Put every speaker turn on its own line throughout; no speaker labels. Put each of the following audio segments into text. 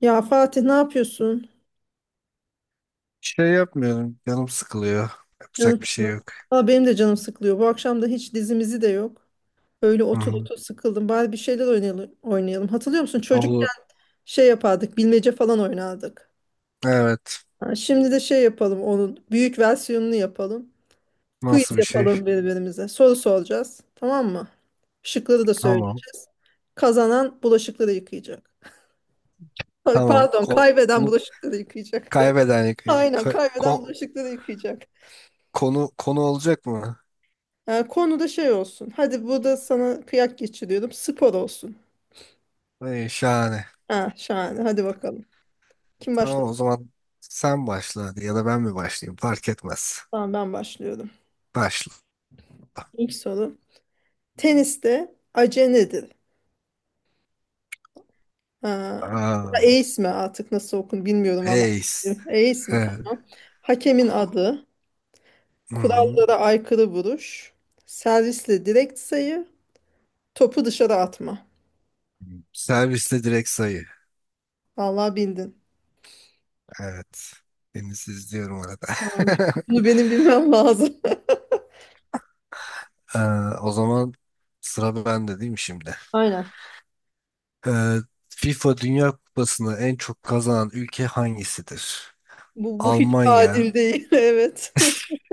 Ya Fatih ne yapıyorsun?
Şey yapmıyorum. Canım sıkılıyor.
Canım
Yapacak bir şey
sıkılıyor.
yok.
Valla benim de canım sıkılıyor. Bu akşam da hiç dizimizi de yok. Öyle
Hı
otur
hı.
otur sıkıldım. Bari bir şeyler oynayalım. Hatırlıyor musun? Çocukken
Oğlu.
şey yapardık. Bilmece falan oynardık.
Evet.
Ha, şimdi de şey yapalım onun. Büyük versiyonunu yapalım. Quiz
Nasıl bir şey?
yapalım birbirimize. Soru soracağız. Tamam mı? Şıkları da
Tamam.
söyleyeceğiz. Kazanan bulaşıkları yıkayacak.
Tamam.
Pardon,
Konu
kaybeden bulaşıkları yıkayacak.
kaybeden yıkıyor.
Aynen,
Ka-
kaybeden
ko-
bulaşıkları yıkayacak.
konu konu olacak mı?
Konu da şey olsun. Hadi bu da sana kıyak geçiriyordum. Spor olsun.
Ay, şahane.
Ha, şahane. Hadi bakalım. Kim
Tamam o
başlasın?
zaman sen başla hadi ya da ben mi başlayayım? Fark etmez.
Tamam, ben başlıyorum.
Başla.
İlk soru. Teniste ace nedir? Ha.
Aa,
Ace mi artık nasıl okun bilmiyorum valla.
ace.
Ace mi?
Evet.
Tamam. Hakemin adı.
Hı hı.
Kurallara aykırı vuruş. Servisle direkt sayı. Topu dışarı atma.
Serviste direkt sayı.
Vallahi bildin.
Evet. Deniz izliyorum arada.
Tamam. Bunu benim bilmem lazım.
Ee, o zaman sıra bende değil mi şimdi?
Aynen.
Ee, FIFA Dünya Kupası'nı en çok kazanan ülke hangisidir?
Bu hiç
Almanya,
adil değil. Evet.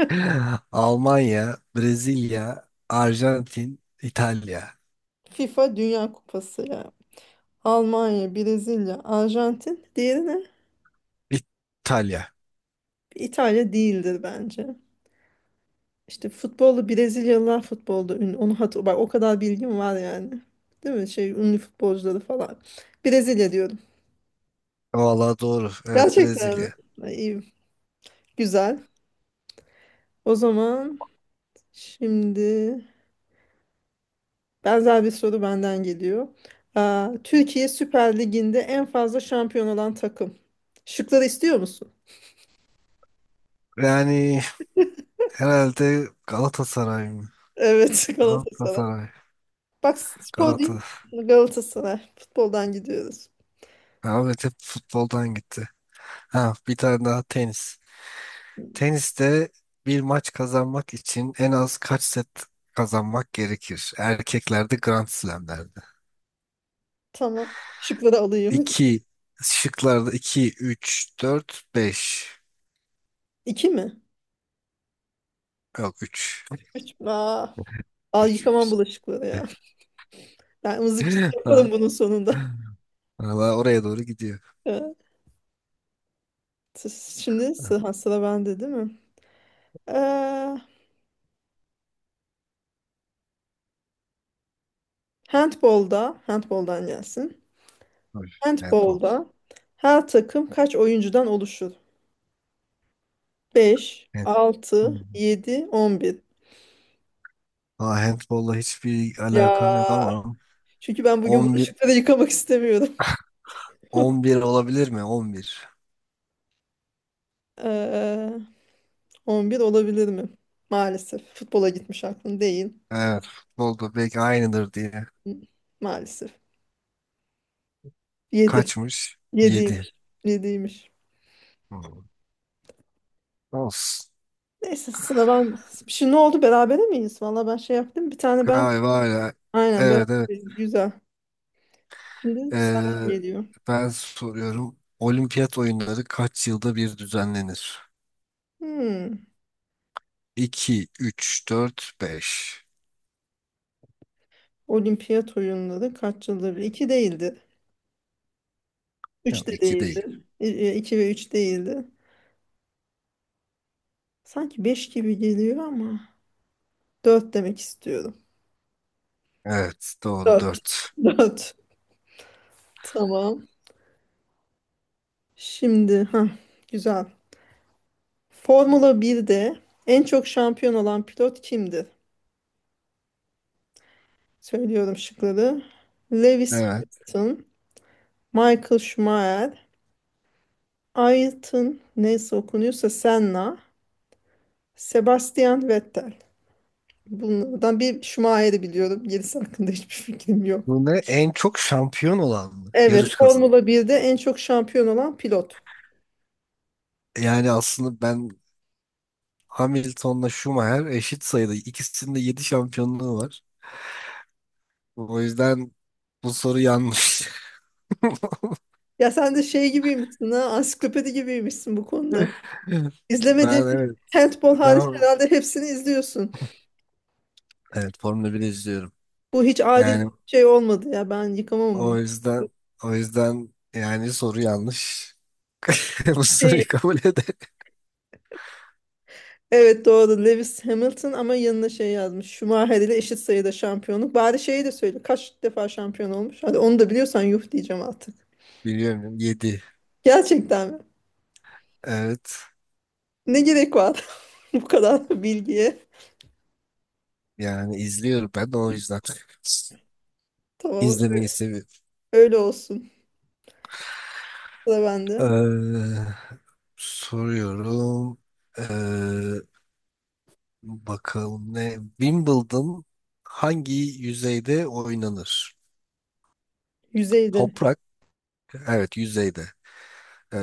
Almanya, Brezilya, Arjantin, İtalya.
FIFA Dünya Kupası ya. Almanya, Brezilya, Arjantin. Diğeri ne?
İtalya.
İtalya değildir bence. İşte futbolu Brezilyalılar futbolda ünlü. Onu hatır bak, o kadar bilgim var yani. Değil mi? Şey, ünlü futbolcuları falan. Brezilya diyorum.
Valla doğru. Evet,
Gerçekten mi?
Brezilya.
Ay, iyi. Güzel. O zaman şimdi benzer bir soru benden geliyor. Aa, Türkiye Süper Ligi'nde en fazla şampiyon olan takım. Şıkları istiyor musun?
Yani herhalde Galatasaray mı?
Evet, Galatasaray.
Galatasaray.
Bak, spor değil
Galatasaray.
Galatasaray. Futboldan gidiyoruz.
Ahmet hep futboldan gitti. Ha, bir tane daha tenis. Teniste bir maç kazanmak için en az kaç set kazanmak gerekir? Erkeklerde Grand Slam'lerde.
Tamam. Şıkları alayım.
2, şıklarda 2, 3, 4, 5.
İki mi?
Yok, üç.
Üç mü? Aa, al, yıkamam
3.
bulaşıkları ya. Ben mızıkçılık yaparım bunun sonunda.
Valla oraya doğru gidiyor.
Evet. Şimdi sıra bende değil mi? Ee, handboldan gelsin.
Hoş. Handball.
Handbolda her takım kaç oyuncudan oluşur? Beş,
Hand-
altı,
Hmm.
yedi, 11.
Handball'la hiçbir alakam yok
Ya.
ama
Çünkü ben bugün
11,
bulaşıkları yıkamak istemiyorum.
11 olabilir mi? 11.
Ee, 11 olabilir mi? Maalesef. Futbola gitmiş aklın değil.
Evet. Futbolda belki aynıdır diye.
Maalesef. Yedi.
Kaçmış? Yedi.
Yediymiş yediymiş.
Hmm. Of.
Neyse sıra ben. Şimdi ne oldu? Berabere miyiz? Valla ben şey yaptım. Bir tane ben.
Galiba öyle.
Aynen,
Evet, evet.
beraberiz. Güzel. Şimdi
Ee,
senden geliyor.
ben soruyorum. Olimpiyat oyunları kaç yılda bir düzenlenir?
Hmm.
2, 3, 4, 5.
Olimpiyat oyunları kaç yılda bir? 2 değildi. 3
Yok,
de
iki değil.
değildi. 2 ve 3 değildi. Sanki 5 gibi geliyor ama dört demek istiyorum.
Evet, doğru,
4.
dört.
4. Tamam. Şimdi güzel. Formula 1'de en çok şampiyon olan pilot kimdir? Söylüyorum şıkları. Lewis
Evet.
Hamilton, Michael Schumacher, Ayrton, neyse okunuyorsa, Senna, Sebastian Vettel. Bunlardan bir Schumacher'i biliyorum. Gerisi hakkında hiçbir fikrim yok.
Bu ne? En çok şampiyon olan mı?
Evet,
Yarış kazan.
Formula 1'de en çok şampiyon olan pilot.
Yani aslında ben Hamilton'la Schumacher eşit sayıda. İkisinin de 7 şampiyonluğu var. O yüzden bu soru yanlış.
Ya sen de şey gibiymişsin ansiklopedi gibiymişsin bu konuda. İzlemediğin
Ben,
bir
evet.
handball hariç
Ben,
herhalde hepsini izliyorsun.
evet, Formula 1 izliyorum.
Bu hiç adil bir
Yani
şey olmadı ya. Ben yıkamam bu.
o yüzden o yüzden yani soru yanlış. Bu
Şey,
soruyu kabul eder.
Evet, doğru. Lewis Hamilton ama yanına şey yazmış. Schumacher ile eşit sayıda şampiyonluk. Bari şeyi de söyle. Kaç defa şampiyon olmuş? Hadi onu da biliyorsan yuh diyeceğim artık.
Biliyorum, yedi.
Gerçekten mi?
Evet.
Ne gerek var bu kadar bilgiye?
Yani izliyorum ben de o yüzden.
Tamam,
İzlemeyi seviyorum.
öyle olsun. Sıra bende.
Ee, soruyorum. Ee, bakalım ne? Wimbledon hangi yüzeyde oynanır?
Yüzeyde.
Toprak. Evet, yüzeyde. Ee,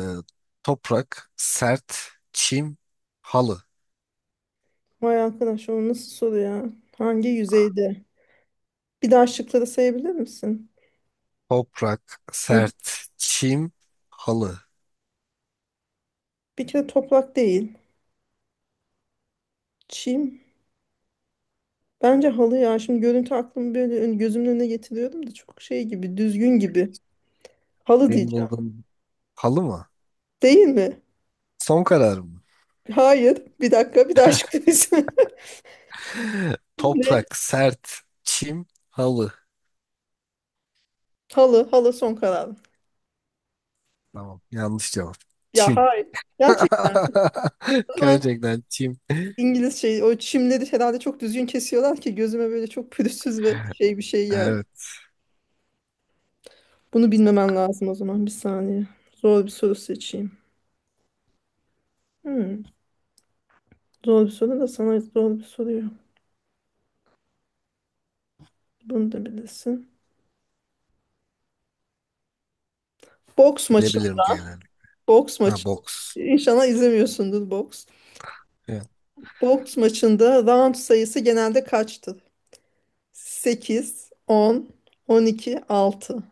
toprak, sert, çim, halı.
Vay arkadaş, o nasıl soru ya? Hangi yüzeyde? Bir daha şıkları sayabilir misin?
Toprak,
Hı.
sert, çim, halı.
Bir kere toprak değil. Çim. Bence halı ya. Şimdi görüntü aklımı böyle gözümün önüne getiriyordum da çok şey gibi, düzgün gibi. Halı diyeceğim.
Wimbledon halı mı?
Değil mi?
Son karar mı?
Hayır. Bir dakika, bir daha açıklayayım. Ne?
Toprak, sert, çim, halı.
Halı, halı son kararım.
Tamam, yanlış cevap.
Ya
Çim.
hayır. Gerçekten mi? O zaman
Gerçekten çim.
İngiliz şey, o çimleri herhalde çok düzgün kesiyorlar ki gözüme böyle çok pürüzsüz ve şey, bir şey geldi.
Evet,
Bunu bilmemen lazım o zaman. Bir saniye. Zor bir soru seçeyim. Hmm. Zor bir soru da sana zor bir soruyor. Bunu da bilirsin. Boks maçı.
bilebilirim genelde.
Boks maçı.
Ha, boks.
İnşallah izlemiyorsundur boks.
Evet.
Boks maçında round sayısı genelde kaçtı? Sekiz, 10, 10, 12, 6.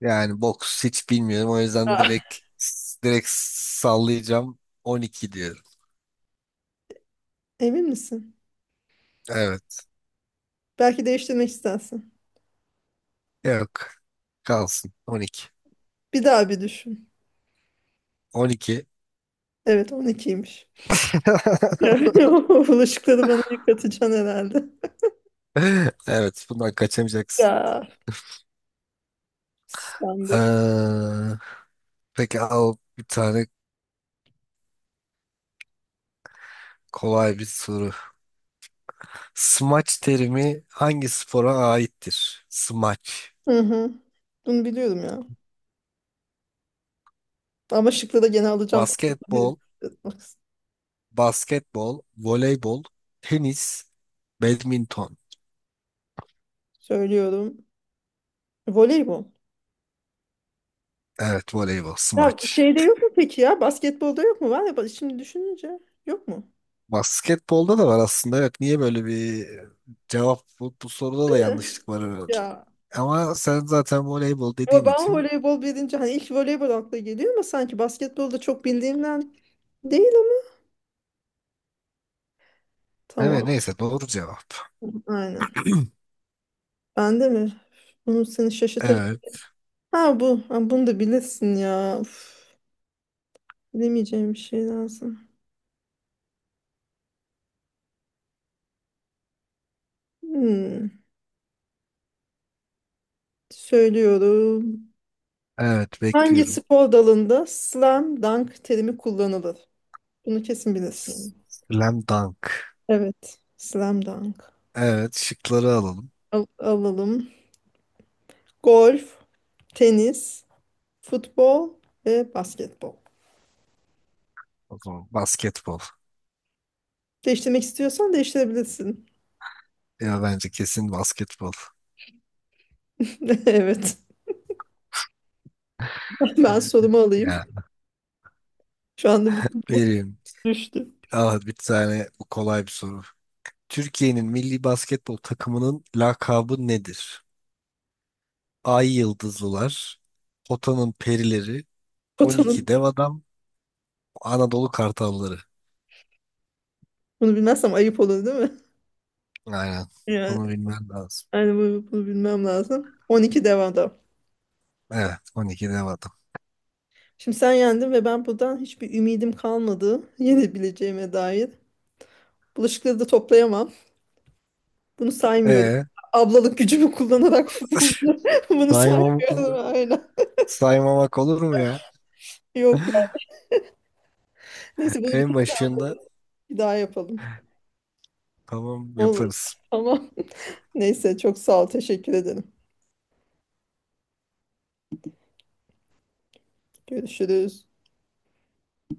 Yani boks hiç bilmiyorum. O yüzden direkt sallayacağım. 12 diyorum.
Emin misin?
Evet.
Belki değiştirmek istersin.
Yok. Kalsın. 12.
Bir daha bir düşün.
12.
Evet, 12'ymiş. Yani o bulaşıkları bana yıkatacaksın herhalde.
Evet, bundan kaçamayacaksın.
Ya sen de.
Ee, peki al bir tane kolay bir soru. Smaç terimi hangi spora aittir? Smaç.
Hı hı. Bunu biliyorum ya. Ama şıkları da gene alacağım tabii.
Basketbol,
Bak,
basketbol, voleybol, tenis, badminton.
söylüyorum. Voleybol.
Evet, voleybol,
Ya
smaç.
şeyde yok mu peki ya? Basketbolda yok mu? Var ya, bak şimdi düşününce yok mu?
Basketbolda da var aslında. Evet, niye böyle bir cevap Bu, soruda
Değil
da
mi?
yanlışlık var herhalde.
Ya,
Ama sen zaten voleybol
o
dediğin
ben
için,
voleybol bilince hani ilk voleybol akla geliyor ama sanki basketbolda çok bildiğimden değil ama.
evet,
Tamam,
neyse, doğru cevap.
aynen. Ben de mi? Bunu seni şaşırtacak.
Evet,
Ha bu. Ha, bunu da bilirsin ya. Uf, bilemeyeceğim bir şey lazım. Hmm, Söylüyorum.
evet,
Hangi
bekliyorum.
spor dalında slam dunk terimi kullanılır? Bunu kesin bilirsin.
Slam dunk.
Evet. Slam dunk.
Evet, şıkları alalım.
Alalım. Golf, tenis, futbol ve basketbol.
O zaman basketbol.
Değiştirmek istiyorsan değiştirebilirsin.
Ya, bence kesin basketbol.
Evet. Ben sorumu alayım.
Yani
Şu anda bütün boş
vereyim.
düştü.
Ah, bir tane bu, kolay bir soru. Türkiye'nin milli basketbol takımının lakabı nedir? Ay Yıldızlılar, Potanın Perileri,
Potanım.
12 Dev Adam, Anadolu Kartalları.
Bunu bilmezsem ayıp olur değil mi?
Aynen.
Yani,
Bunu bilmen lazım.
yani, bunu bilmem lazım. 12 devamda.
Evet, 12 Dev Adam.
Şimdi sen yendin ve ben buradan hiçbir ümidim kalmadı. Yenebileceğime dair. Bulaşıkları da toplayamam. Bunu saymıyorum.
Ee,
Ablalık gücümü kullanarak bunu
Saymam,
saymıyorum. Aynen.
saymamak olur mu ya?
Yok ya. Neyse, bunu bir
En
tek.
başında,
Bir daha yapalım.
tamam,
Olur.
yaparız.
Tamam. Neyse, çok sağ ol. Teşekkür ederim. Görüşürüz.